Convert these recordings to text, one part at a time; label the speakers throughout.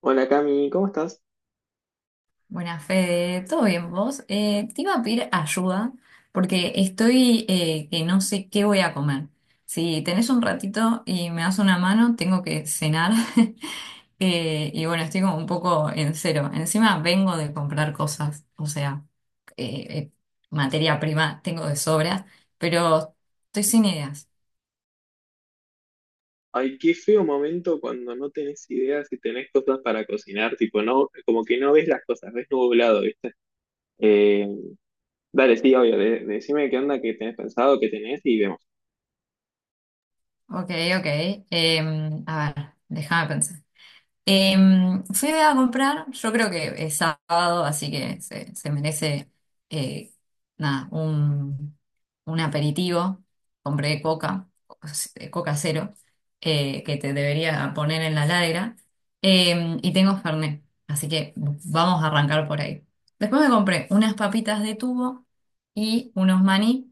Speaker 1: Hola Cami, ¿cómo estás?
Speaker 2: Buenas, Fede. ¿Todo bien vos? Te iba a pedir ayuda porque estoy que no sé qué voy a comer. Si tenés un ratito y me das una mano, tengo que cenar. Bueno, estoy como un poco en cero. Encima vengo de comprar cosas, o sea, eh, eh, materia prima tengo de sobra, pero estoy sin ideas.
Speaker 1: Ay, qué feo momento cuando no tenés ideas y tenés cosas para cocinar, tipo, no, como que no ves las cosas, ves nublado, ¿viste? Eh, Dale, sí, obvio, decime qué onda, qué tenés pensado, qué tenés y vemos.
Speaker 2: Ok, ok. A ver, déjame pensar. Fui a comprar, yo creo que es sábado, así que se merece eh, nada, un aperitivo. Compré coca, coca cero, que te debería poner en la ladera. Y tengo Fernet, así que vamos a arrancar por ahí. Después me compré unas papitas de tubo y unos maní.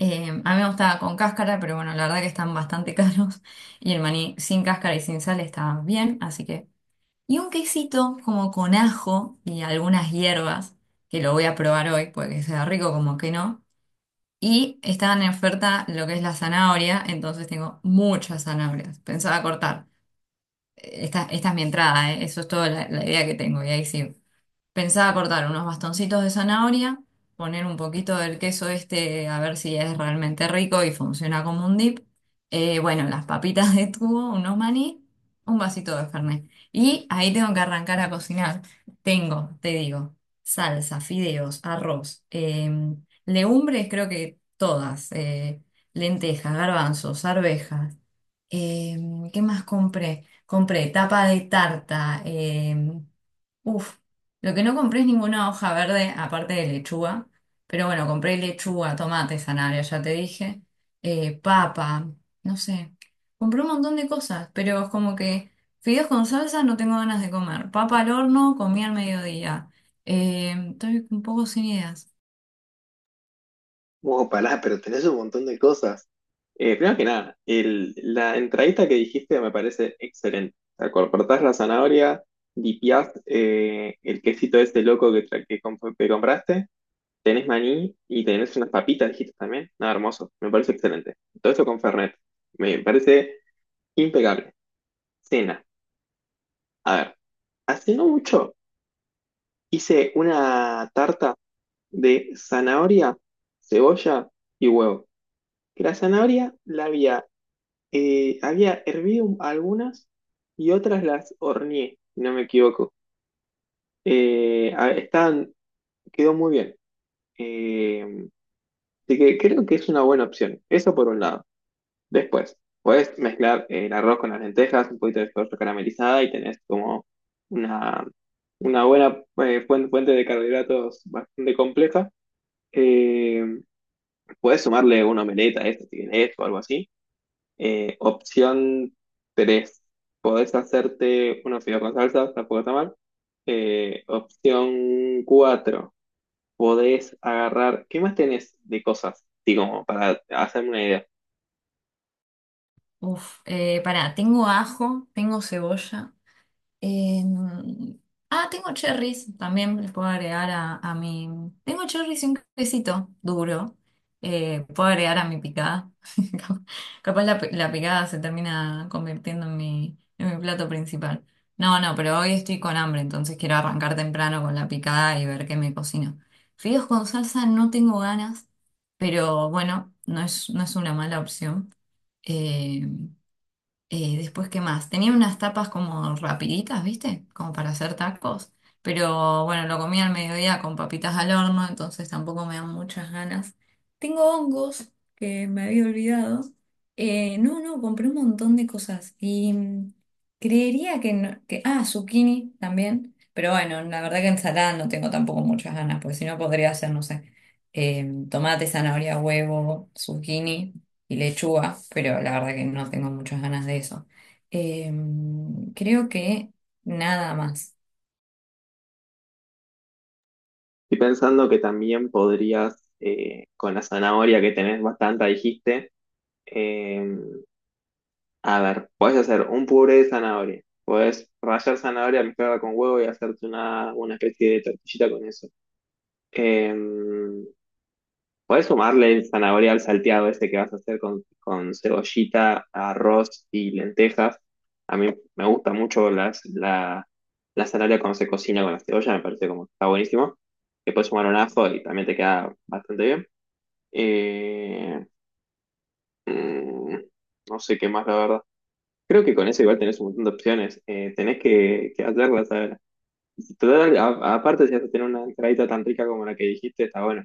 Speaker 2: A mí me gustaba con cáscara, pero bueno, la verdad que están bastante caros. Y el maní sin cáscara y sin sal está bien, así que. Y un quesito como con ajo y algunas hierbas, que lo voy a probar hoy, porque sea rico como que no. Y estaban en oferta lo que es la zanahoria, entonces tengo muchas zanahorias. Pensaba cortar. Esta es mi entrada, ¿eh? Eso es toda la idea que tengo. Y ahí sí, pensaba cortar unos bastoncitos de zanahoria, poner un poquito del queso este a ver si es realmente rico y funciona como un dip. Bueno, las papitas de tubo, unos maní, un vasito de Fernet. Y ahí tengo que arrancar a cocinar. Tengo, te digo, salsa, fideos, arroz, legumbres, creo que todas, lentejas, garbanzos, arvejas. ¿Qué más compré? Compré tapa de tarta. Uf, lo que no compré es ninguna hoja verde, aparte de lechuga. Pero bueno, compré lechuga, tomate, zanahoria, ya te dije. Papa, no sé. Compré un montón de cosas, pero es como que fideos con salsa no tengo ganas de comer. Papa al horno, comí al mediodía. Estoy un poco sin ideas.
Speaker 1: Oh, pará, pero tenés un montón de cosas. Primero que nada, la entradita que dijiste me parece excelente. O sea, cortás la zanahoria, dipiás el quesito este loco que, que compraste. Tenés maní y tenés unas papitas, dijiste también. Nada, hermoso. Me parece excelente. Todo esto con Fernet. Me parece impecable. Cena. A ver, hace no mucho hice una tarta de zanahoria, cebolla y huevo. Que la zanahoria había hervido algunas y otras las horneé, si no me equivoco. Estaban, quedó muy bien. Eh, Así que creo que es una buena opción. Eso por un lado. Después, puedes mezclar el arroz con las lentejas, un poquito de soja caramelizada y tenés como una, una buena fuente, fuente de carbohidratos bastante compleja. Eh, Puedes sumarle una omeleta a esto, si querés, o algo así. Opción 3 podés hacerte unos fideos con salsa, tampoco está mal. Opción 4 podés agarrar, ¿qué más tenés de cosas? Digo, como para hacerme una idea.
Speaker 2: Pará, tengo ajo, tengo cebolla. Em, ah, tengo cherries, también les puedo agregar a mi... Tengo cherries y un quesito duro, puedo agregar a mi picada. Cap- Capaz la picada se termina convirtiendo en en mi plato principal. No, no, pero hoy estoy con hambre, entonces quiero arrancar temprano con la picada y ver qué me cocino. Fideos con salsa no tengo ganas, pero bueno, no es una mala opción. Em, Después, ¿qué más? Tenía unas tapas como rapiditas, ¿viste? Como para hacer tacos. Pero bueno, lo comí al mediodía con papitas al horno, entonces tampoco me dan muchas ganas. Tengo hongos que me había olvidado. No, no, compré un montón de cosas. Y mm, creería que, no- que... Ah, zucchini también. Pero bueno, la verdad que ensalada no tengo tampoco muchas ganas, porque si no podría hacer, no sé, tomate, zanahoria, huevo, zucchini y lechuga, pero la verdad que no tengo muchas ganas de eso. Creo que nada más.
Speaker 1: Estoy pensando que también podrías, con la zanahoria que tenés bastante, dijiste, eh, a ver, podés hacer un puré de zanahoria, podés rallar zanahoria, mezclarla con huevo y hacerte una especie de tortillita con eso. Eh, Podés sumarle el zanahoria al salteado ese que vas a hacer con cebollita, arroz y lentejas. A mí me gusta mucho las, la zanahoria cuando se cocina con la cebolla, me parece como está buenísimo. Le puedes sumar un ajo y también te queda bastante bien. Eh, mm, no sé qué más, la verdad. Creo que con eso igual tenés un montón de opciones. Tenés que hacerlas, a ver. Total, aparte, si vas a tener una entradita tan rica como la que dijiste, está bueno.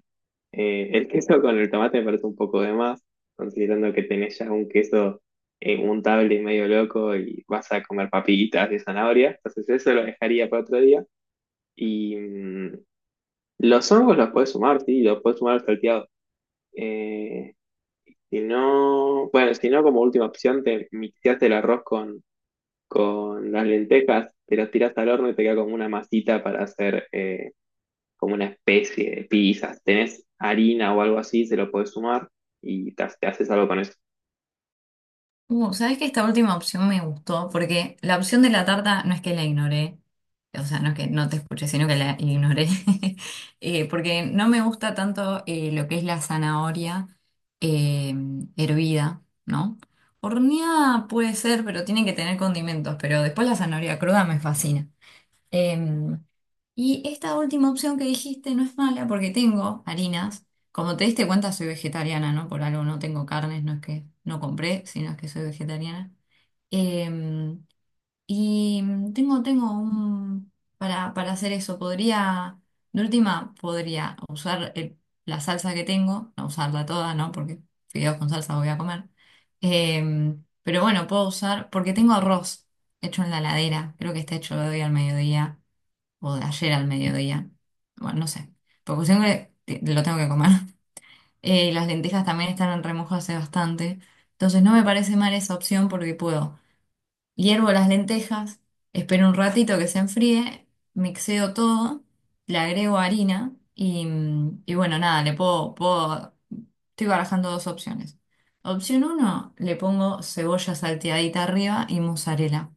Speaker 1: El queso con el tomate me parece un poco de más, considerando que tenés ya un queso untable y medio loco y vas a comer papillitas de zanahoria. Entonces, eso lo dejaría para otro día. Y los hongos los puedes sumar, sí, los puedes sumar al salteado. Eh, si no, bueno, si no, como última opción, te mixeaste el arroz con las lentejas, te las tirás al horno y te queda como una masita para hacer. Como una especie de pizza. Si tenés harina o algo así, se lo podés sumar y te haces algo con eso.
Speaker 2: ¿Sabes que esta última opción me gustó porque la opción de la tarta no es que la ignoré, o sea, no es que no te escuché, sino que la ignoré, porque no me gusta tanto lo que es la zanahoria eh, hervida, ¿no? Horneada puede ser, pero tiene que tener condimentos, pero después la zanahoria cruda me fascina. Em, Y esta última opción que dijiste no es mala porque tengo harinas. Como te diste cuenta, soy vegetariana, ¿no? Por algo no tengo carnes, no es que no compré, sino es que soy vegetariana. Em, y tengo un... Para hacer eso, podría, de última, podría la salsa que tengo, no usarla toda, ¿no? Porque fideos con salsa voy a comer. Pero bueno, puedo usar, porque tengo arroz hecho en la heladera, creo que está hecho hoy al mediodía o de ayer al mediodía. Bueno, no sé. Porque lo tengo que comer. Y las lentejas también están en remojo hace bastante. Entonces no me parece mal esa opción porque puedo. Hiervo las lentejas, espero un ratito que se enfríe, mixeo todo, le agrego harina y, mm, y bueno, nada, puedo. Estoy barajando dos opciones. Opción uno, le pongo cebolla salteadita arriba y mozzarella,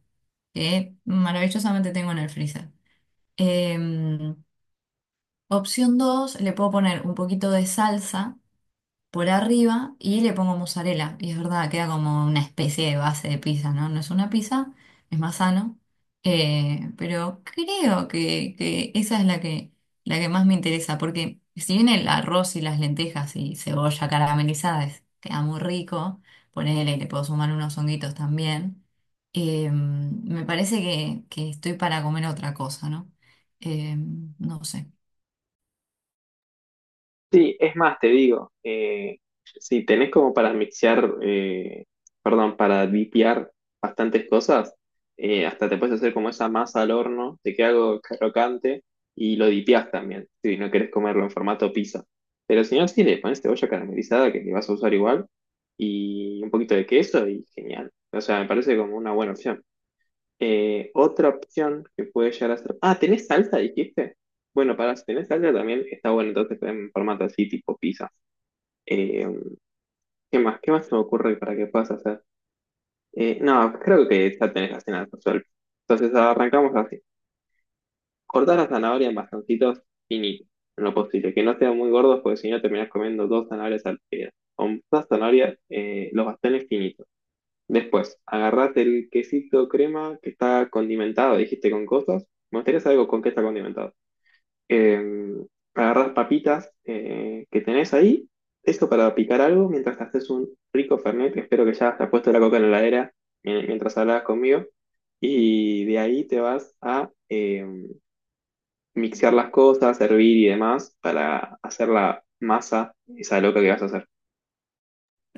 Speaker 2: que maravillosamente tengo en el freezer. Em, Opción 2, le puedo poner un poquito de salsa por arriba y le pongo mozzarella. Y es verdad, queda como una especie de base de pizza, ¿no? No es una pizza, es más sano. Pero creo que esa es la que más me interesa, porque si bien el arroz y las lentejas y cebolla caramelizada queda muy rico, ponele, le puedo sumar unos honguitos también, me parece que estoy para comer otra cosa, ¿no? Eh, no sé.
Speaker 1: Sí, es más, te digo, si tenés como para mixear, perdón, para dipear bastantes cosas, hasta te puedes hacer como esa masa al horno, te queda algo crocante y lo dipeás también, si no querés comerlo en formato pizza. Pero si no, sí, le pones cebolla caramelizada que le vas a usar igual y un poquito de queso y genial. O sea, me parece como una buena opción. Otra opción que puede llegar a ser. Ah, ¿tenés salsa, dijiste? Bueno, para si tenés salsa también está bueno, entonces en formato así, tipo pizza. Eh, ¿Qué más? ¿Qué más se me ocurre para que puedas hacer? No, creo que ya tenés la cena resuelta. Entonces arrancamos así. Cortás la zanahoria en bastoncitos finitos, en lo posible, que no sean muy gordos, porque si no terminás comiendo dos zanahorias al día. O dos zanahorias, los bastones finitos. Después, agarrate el quesito crema que está condimentado, dijiste con cosas. Me gustaría saber con qué está condimentado. Eh, Agarrás papitas que tenés ahí, eso para picar algo mientras te haces un rico fernet. Espero que ya te has puesto la coca en la heladera mientras hablabas conmigo. Y de ahí te vas a mixear las cosas, hervir y demás para hacer la masa, esa loca que vas a hacer.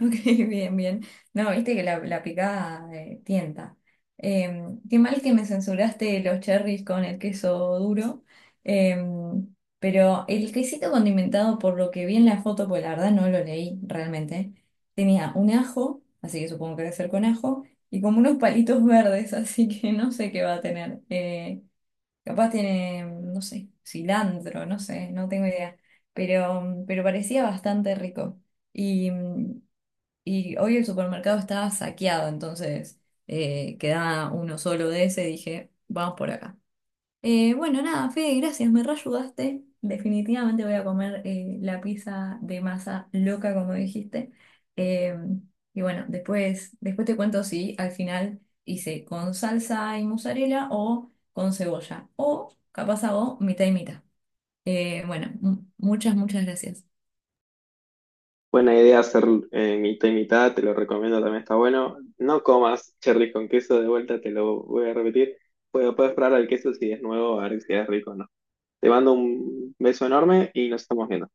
Speaker 2: Ok, bien, bien. No, viste que la picada tienta. Qué mal que me censuraste los cherries con el queso duro. Pero el quesito condimentado, por lo que vi en la foto, pues la verdad no lo leí realmente, tenía un ajo, así que supongo que debe ser con ajo, y como unos palitos verdes, así que no sé qué va a tener. Capaz tiene, no sé, cilantro, no sé, no tengo idea. Pero parecía bastante rico. Y. mm, y hoy el supermercado estaba saqueado, entonces quedaba uno solo de ese. Dije, vamos por acá. Bueno, nada, Fede, gracias, me reayudaste. Definitivamente voy a comer la pizza de masa loca, como dijiste. Eh, bueno, después te cuento si al final hice con salsa y mozzarella o con cebolla. O capaz hago mitad y mitad. Bueno, muchas gracias.
Speaker 1: Buena idea hacer mitad y mitad, te lo recomiendo, también está bueno. No comas cherry con queso, de vuelta te lo voy a repetir. Puedes, puedes probar el queso si es nuevo, a ver si es rico o no. Te mando un beso enorme y nos estamos viendo.